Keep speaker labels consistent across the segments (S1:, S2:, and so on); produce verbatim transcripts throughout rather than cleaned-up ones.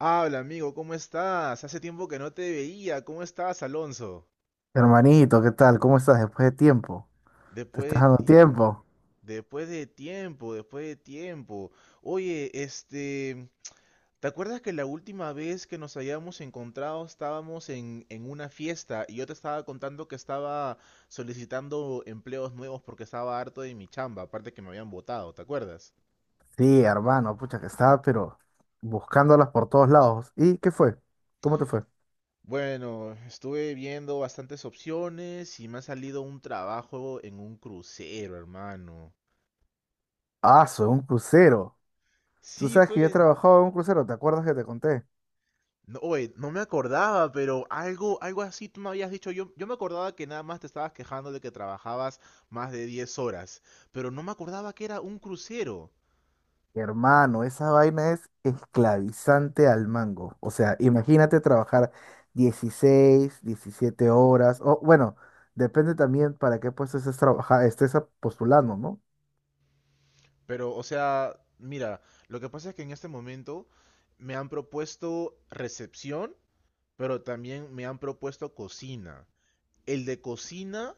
S1: Habla, amigo, ¿cómo estás? Hace tiempo que no te veía. ¿Cómo estás, Alonso?
S2: Hermanito, ¿qué tal? ¿Cómo estás después de tiempo? ¿Te
S1: Después
S2: estás
S1: de
S2: dando
S1: tiempo.
S2: tiempo?
S1: Después de tiempo, después de tiempo. Oye, este, ¿te acuerdas que la última vez que nos habíamos encontrado estábamos en, en una fiesta y yo te estaba contando que estaba solicitando empleos nuevos porque estaba harto de mi chamba, aparte que me habían votado, ¿te acuerdas?
S2: Sí, hermano, pucha que estaba, pero buscándolas por todos lados. ¿Y qué fue? ¿Cómo te fue?
S1: Bueno, estuve viendo bastantes opciones y me ha salido un trabajo en un crucero, hermano.
S2: Ah, soy un crucero. Tú
S1: Sí,
S2: sabes que yo he
S1: pues.
S2: trabajado en un crucero, ¿te acuerdas que te conté?
S1: No, oye, no me acordaba, pero algo, algo así tú me habías dicho. Yo, yo me acordaba que nada más te estabas quejando de que trabajabas más de diez horas, pero no me acordaba que era un crucero.
S2: Hermano, esa vaina es esclavizante al mango. O sea, imagínate trabajar dieciséis, diecisiete horas, o bueno, depende también para qué puesto estés trabaja- estés postulando, ¿no?
S1: Pero, o sea, mira, lo que pasa es que en este momento me han propuesto recepción, pero también me han propuesto cocina. El de cocina,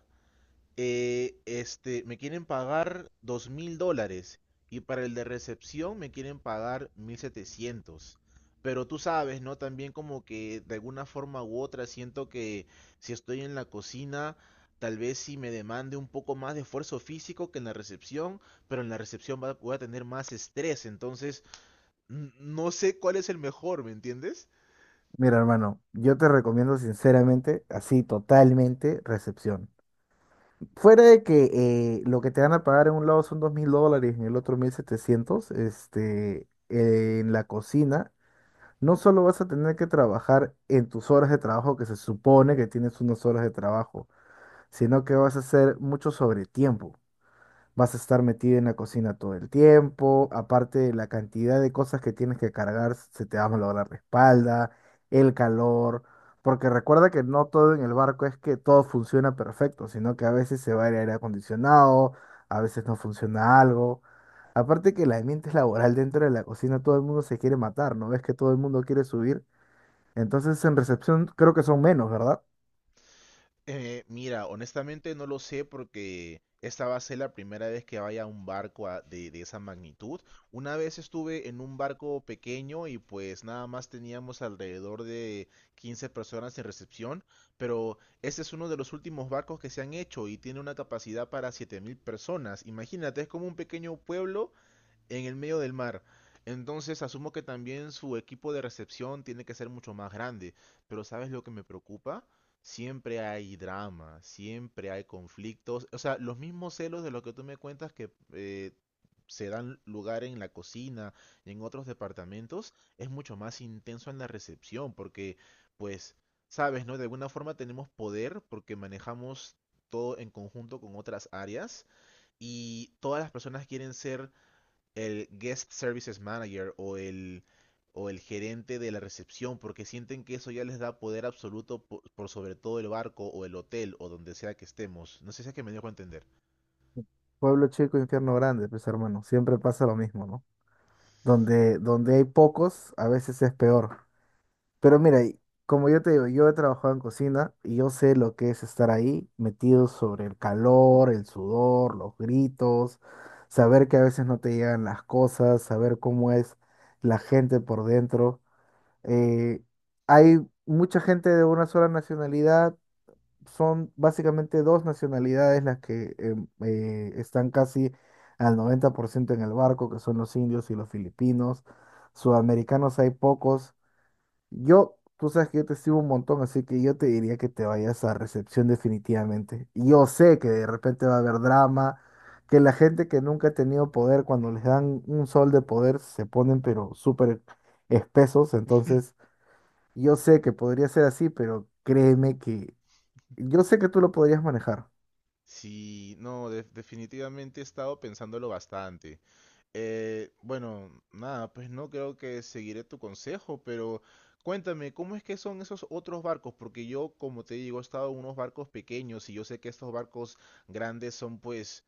S1: Eh, este, me quieren pagar dos mil dólares y para el de recepción me quieren pagar mil setecientos. Pero tú sabes, ¿no? También como que de alguna forma u otra siento que si estoy en la cocina, tal vez sí me demande un poco más de esfuerzo físico que en la recepción, pero en la recepción va- voy a tener más estrés, entonces n- no sé cuál es el mejor, ¿me entiendes?
S2: Mira, hermano, yo te recomiendo sinceramente, así totalmente, recepción. Fuera de que eh, lo que te van a pagar en un lado son dos mil dólares, en el otro mil setecientos, este, eh, en la cocina, no solo vas a tener que trabajar en tus horas de trabajo, que se supone que tienes unas horas de trabajo, sino que vas a hacer mucho sobretiempo. Vas a estar metida en la cocina todo el tiempo, aparte de la cantidad de cosas que tienes que cargar, se te va a malograr la espalda, el calor, porque recuerda que no todo en el barco es que todo funciona perfecto, sino que a veces se va el aire acondicionado, a veces no funciona algo. Aparte que el ambiente laboral dentro de la cocina, todo el mundo se quiere matar, ¿no ves que todo el mundo quiere subir? Entonces en recepción creo que son menos, ¿verdad?
S1: Eh, mira, honestamente no lo sé porque esta va a ser la primera vez que vaya a un barco a- de, de esa magnitud. Una vez estuve en un barco pequeño y pues nada más teníamos alrededor de quince personas en recepción, pero este es uno de los últimos barcos que se han hecho y tiene una capacidad para siete mil personas. Imagínate, es como un pequeño pueblo en el medio del mar. Entonces asumo que también su equipo de recepción tiene que ser mucho más grande. Pero, ¿sabes lo que me preocupa? Siempre hay drama, siempre hay conflictos. O sea, los mismos celos de lo que tú me cuentas que eh, se dan lugar en la cocina y en otros departamentos es mucho más intenso en la recepción porque, pues, sabes, ¿no? De alguna forma tenemos poder porque manejamos todo en conjunto con otras áreas y todas las personas quieren ser el guest services manager o el, o el gerente de la recepción, porque sienten que eso ya les da poder absoluto por, por sobre todo el barco o el hotel o donde sea que estemos. No sé si es que me dejo entender.
S2: Pueblo chico, infierno grande, pues hermano, siempre pasa lo mismo, ¿no? Donde, donde hay pocos, a veces es peor. Pero mira, y como yo te digo, yo he trabajado en cocina y yo sé lo que es estar ahí metido sobre el calor, el sudor, los gritos, saber que a veces no te llegan las cosas, saber cómo es la gente por dentro. Eh, hay mucha gente de una sola nacionalidad, son básicamente dos nacionalidades las que em, eh, están casi al noventa por ciento en el barco, que son los indios y los filipinos. Sudamericanos hay pocos. Yo, tú sabes que yo te sigo un montón, así que yo te diría que te vayas a recepción definitivamente. Y Yo sé que de repente va a haber drama, que la gente que nunca ha tenido poder, cuando les dan un sol de poder, se ponen pero súper espesos, entonces. Yo sé que podría ser así, pero créeme que yo sé que tú lo podrías manejar.
S1: Sí, no, de- definitivamente he estado pensándolo bastante. Eh, bueno, nada, pues no creo que seguiré tu consejo, pero cuéntame, ¿cómo es que son esos otros barcos? Porque yo, como te digo, he estado en unos barcos pequeños y yo sé que estos barcos grandes son pues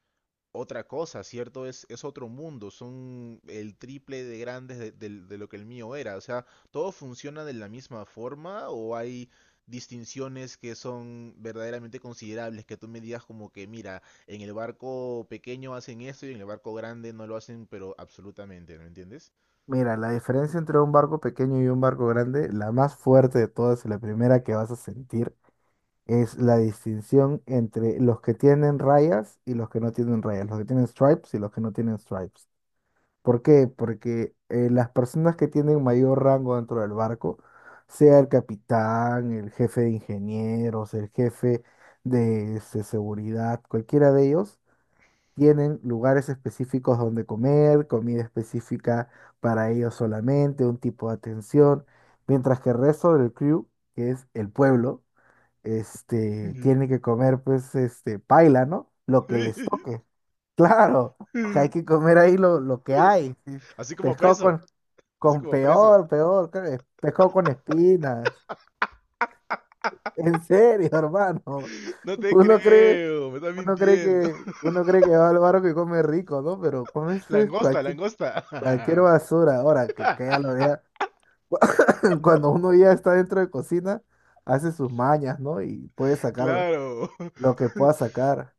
S1: otra cosa, ¿cierto? Es, es otro mundo, son el triple de grandes de, del- de lo que el mío era. O sea, ¿todo funciona de la misma forma o hay distinciones que son verdaderamente considerables? Que tú me digas como que, mira, en el barco pequeño hacen esto y en el barco grande no lo hacen, pero absolutamente, ¿no entiendes?
S2: Mira, la diferencia entre un barco pequeño y un barco grande, la más fuerte de todas y la primera que vas a sentir, es la distinción entre los que tienen rayas y los que no tienen rayas, los que tienen stripes y los que no tienen stripes. ¿Por qué? Porque eh, las personas que tienen mayor rango dentro del barco, sea el capitán, el jefe de ingenieros, el jefe de este, seguridad, cualquiera de ellos. Tienen lugares específicos donde comer, comida específica para ellos solamente, un tipo de atención, mientras que el resto del crew, que es el pueblo, este, tiene que comer pues este paila, ¿no? Lo que les toque. Claro, que hay que comer ahí lo, lo que hay. Sí.
S1: Así como
S2: Pescado
S1: preso,
S2: con,
S1: así
S2: con
S1: como preso.
S2: peor, peor, creo, pescado con espinas. En serio, hermano.
S1: No te
S2: Uno cree,
S1: creo, me estás
S2: uno cree
S1: mintiendo.
S2: que, uno cree que va al barco y come rico, ¿no? Pero come fe-
S1: Langosta,
S2: cualquier,
S1: langosta.
S2: cualquier basura. Ahora que, que ya lo vea. Cuando uno ya está dentro de cocina, hace sus mañas, ¿no? Y puede sacar
S1: Claro.
S2: lo que pueda sacar.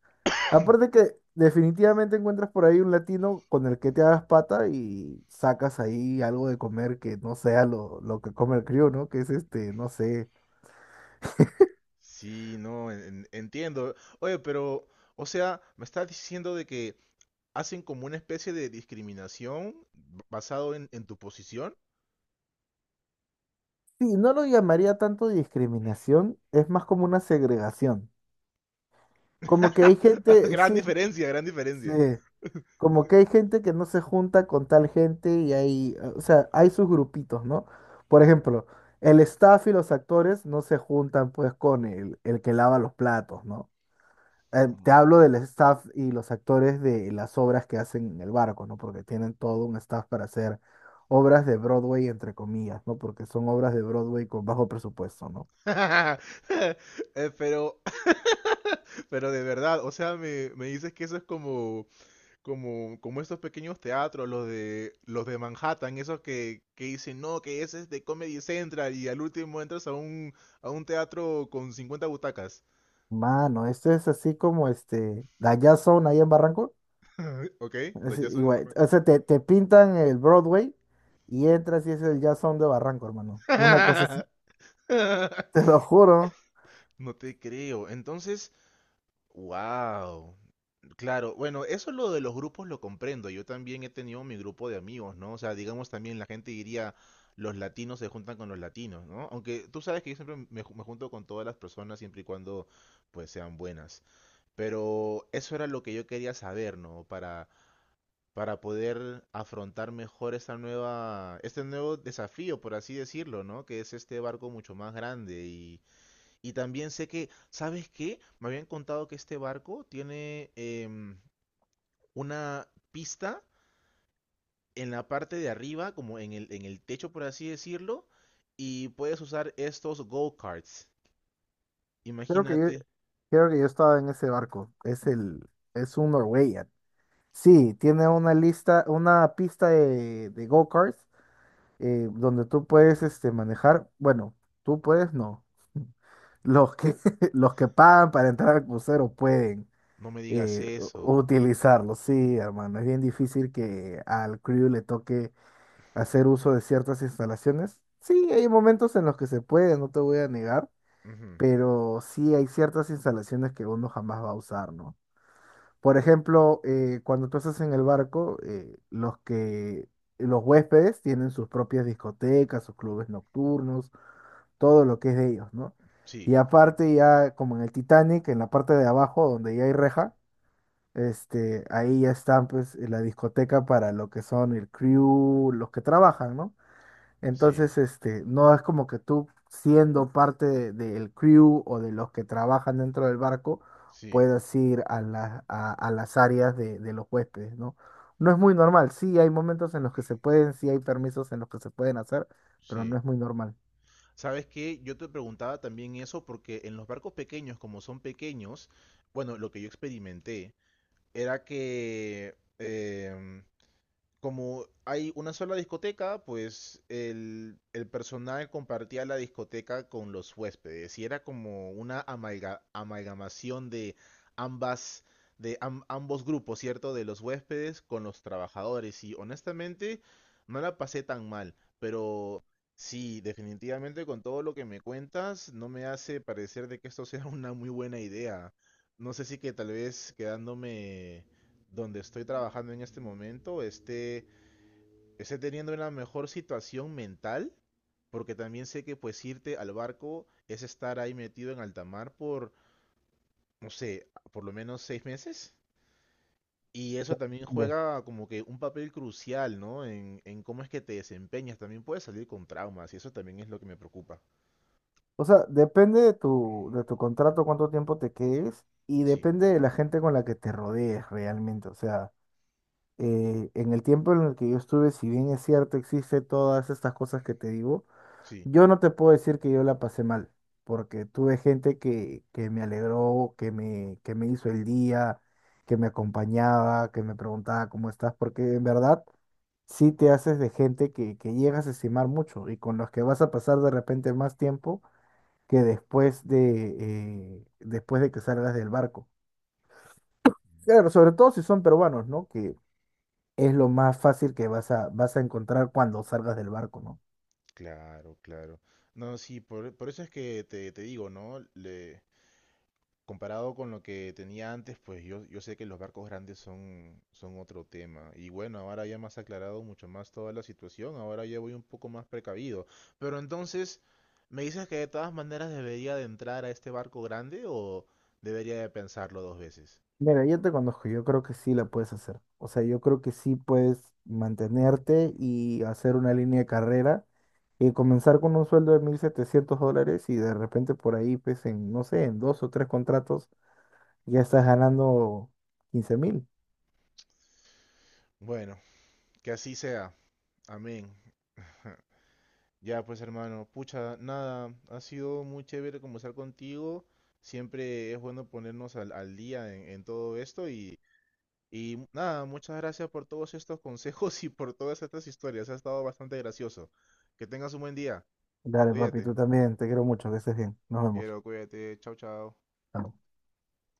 S2: Aparte que definitivamente encuentras por ahí un latino con el que te hagas pata y sacas ahí algo de comer que no sea lo, lo que come el crío, ¿no? Que es este, no sé.
S1: Sí, no, en- entiendo. Oye, pero, o sea, me estás diciendo de que hacen como una especie de discriminación basado en, en tu posición.
S2: Sí, no lo llamaría tanto discriminación, es más como una segregación. Como que hay gente,
S1: Gran
S2: sí,
S1: diferencia, gran
S2: sí,
S1: diferencia.
S2: como que hay gente que no se junta con tal gente y hay, o sea, hay sus grupitos, ¿no? Por ejemplo, el staff y los actores no se juntan pues con el, el que lava los platos, ¿no? Eh,
S1: Mm.
S2: te hablo del staff y los actores de las obras que hacen en el barco, ¿no? Porque tienen todo un staff para hacer obras de Broadway, entre comillas, ¿no? Porque son obras de Broadway con bajo presupuesto, ¿no?
S1: Eh, Pero, pero de verdad, o sea, me, me dices que eso es como, como, como estos pequeños teatros, los de, los de Manhattan, esos que, que dicen, no, que ese es de Comedy Central y al último entras a un, a un teatro con cincuenta butacas.
S2: Mano, esto es así como este, son ahí en Barranco.
S1: Ay, ok,
S2: Es
S1: Dayazón en
S2: igual,
S1: Marruecos.
S2: o sea, te, te pintan el Broadway y entras y es el Jazz Sound de Barranco, hermano. Una cosa así, te lo juro.
S1: No te creo. Entonces, wow. Claro, bueno, eso lo de los grupos lo comprendo. Yo también he tenido mi grupo de amigos, ¿no? O sea, digamos también la gente diría, los latinos se juntan con los latinos, ¿no? Aunque tú sabes que yo siempre me, ju- me junto con todas las personas siempre y cuando pues sean buenas. Pero eso era lo que yo quería saber, ¿no? Para para poder afrontar mejor esta nueva, este nuevo desafío, por así decirlo, ¿no? Que es este barco mucho más grande. Y, y también sé que, ¿sabes qué? Me habían contado que este barco tiene em, una pista en la parte de arriba, como en el, en el techo, por así decirlo, y puedes usar estos go-karts.
S2: Creo que yo,
S1: Imagínate,
S2: creo que yo estaba en ese barco. Es el, es un Norwegian. Sí, tiene una lista, una pista de, de go-karts eh, donde tú puedes este, manejar. Bueno, tú puedes, no. Los que, los que pagan para entrar al crucero pueden
S1: no me digas
S2: eh,
S1: eso.
S2: u- utilizarlo. Sí, hermano, es bien difícil que al crew le toque hacer uso de ciertas instalaciones. Sí, hay momentos en los que se puede, no te voy a negar,
S1: Ujú,
S2: pero sí hay ciertas instalaciones que uno jamás va a usar, ¿no? Por ejemplo, eh, cuando tú estás en el barco, eh, los que los huéspedes tienen sus propias discotecas, sus clubes nocturnos, todo lo que es de ellos, ¿no?
S1: sí,
S2: Y aparte ya como en el Titanic, en la parte de abajo donde ya hay reja, este, ahí ya están pues la discoteca para lo que son el crew, los que trabajan, ¿no?
S1: sí,
S2: Entonces, este, no es como que tú, siendo parte de- del crew o de los que trabajan dentro del barco,
S1: sí,
S2: puedas ir a, la- a, a las áreas de, de los huéspedes, ¿no? No es muy normal. Sí, hay momentos en los que se pueden, sí hay permisos en los que se pueden hacer, pero no
S1: sí.
S2: es muy normal.
S1: ¿Sabes qué? Yo te preguntaba también eso porque en los barcos pequeños, como son pequeños, bueno, lo que yo experimenté era que em, como hay una sola discoteca, pues el, el personal compartía la discoteca con los huéspedes y era como una amalga- amalgamación de ambas, de am- ambos grupos, ¿cierto? De los huéspedes con los trabajadores y honestamente no la pasé tan mal, pero sí, definitivamente con todo lo que me cuentas no me hace parecer de que esto sea una muy buena idea. No sé si que tal vez quedándome donde estoy trabajando en este momento esté esté teniendo una mejor situación mental, porque también sé que pues irte al barco es estar ahí metido en alta mar por, no sé, por lo menos seis meses. Y eso también
S2: De-
S1: juega como que un papel crucial, ¿no? En, en cómo es que te desempeñas. También puedes salir con traumas y eso también es lo que me preocupa.
S2: O sea, depende de tu, de tu contrato, cuánto tiempo te quedes y
S1: Sí,
S2: depende de la gente con la que te rodees realmente. O sea, eh, en el tiempo en el que yo estuve, si bien es cierto, existe todas estas cosas que te digo.
S1: sí,
S2: Yo no te puedo decir que yo la pasé mal, porque tuve gente que, que me alegró, que me, que me hizo el día, que me acompañaba, que me preguntaba cómo estás, porque en verdad sí te haces de gente que, que llegas a estimar mucho y con los que vas a pasar de repente más tiempo que después de, eh, después de que salgas del barco. Claro, sobre todo si son peruanos, ¿no? Que es lo más fácil que vas a, vas a encontrar cuando salgas del barco, ¿no?
S1: claro, claro. No, sí, por, por eso es que te, te digo, ¿no? Le, Comparado con lo que tenía antes, pues yo, yo sé que los barcos grandes son, son otro tema. Y bueno, ahora ya me has aclarado mucho más toda la situación, ahora ya voy un poco más precavido. Pero entonces, ¿me dices que de todas maneras debería de entrar a este barco grande o debería de pensarlo dos veces?
S2: Mira, yo te conozco, yo creo que sí la puedes hacer. O sea, yo creo que sí puedes mantenerte y hacer una línea de carrera y comenzar con un sueldo de mil setecientos dólares y de repente por ahí, pues en, no sé, en dos o tres contratos ya estás ganando quince mil.
S1: Bueno, que así sea. Amén. Ya pues hermano, pucha, nada, ha sido muy chévere conversar contigo. Siempre es bueno ponernos al, al día en, en todo esto. Y nada, muchas gracias por todos estos consejos y por todas estas historias. Ha estado bastante gracioso. Que tengas un buen día.
S2: Dale, papi, tú
S1: Cuídate.
S2: también, te quiero mucho, que estés bien. Nos
S1: Te
S2: vemos.
S1: quiero, cuídate. Chao, chao.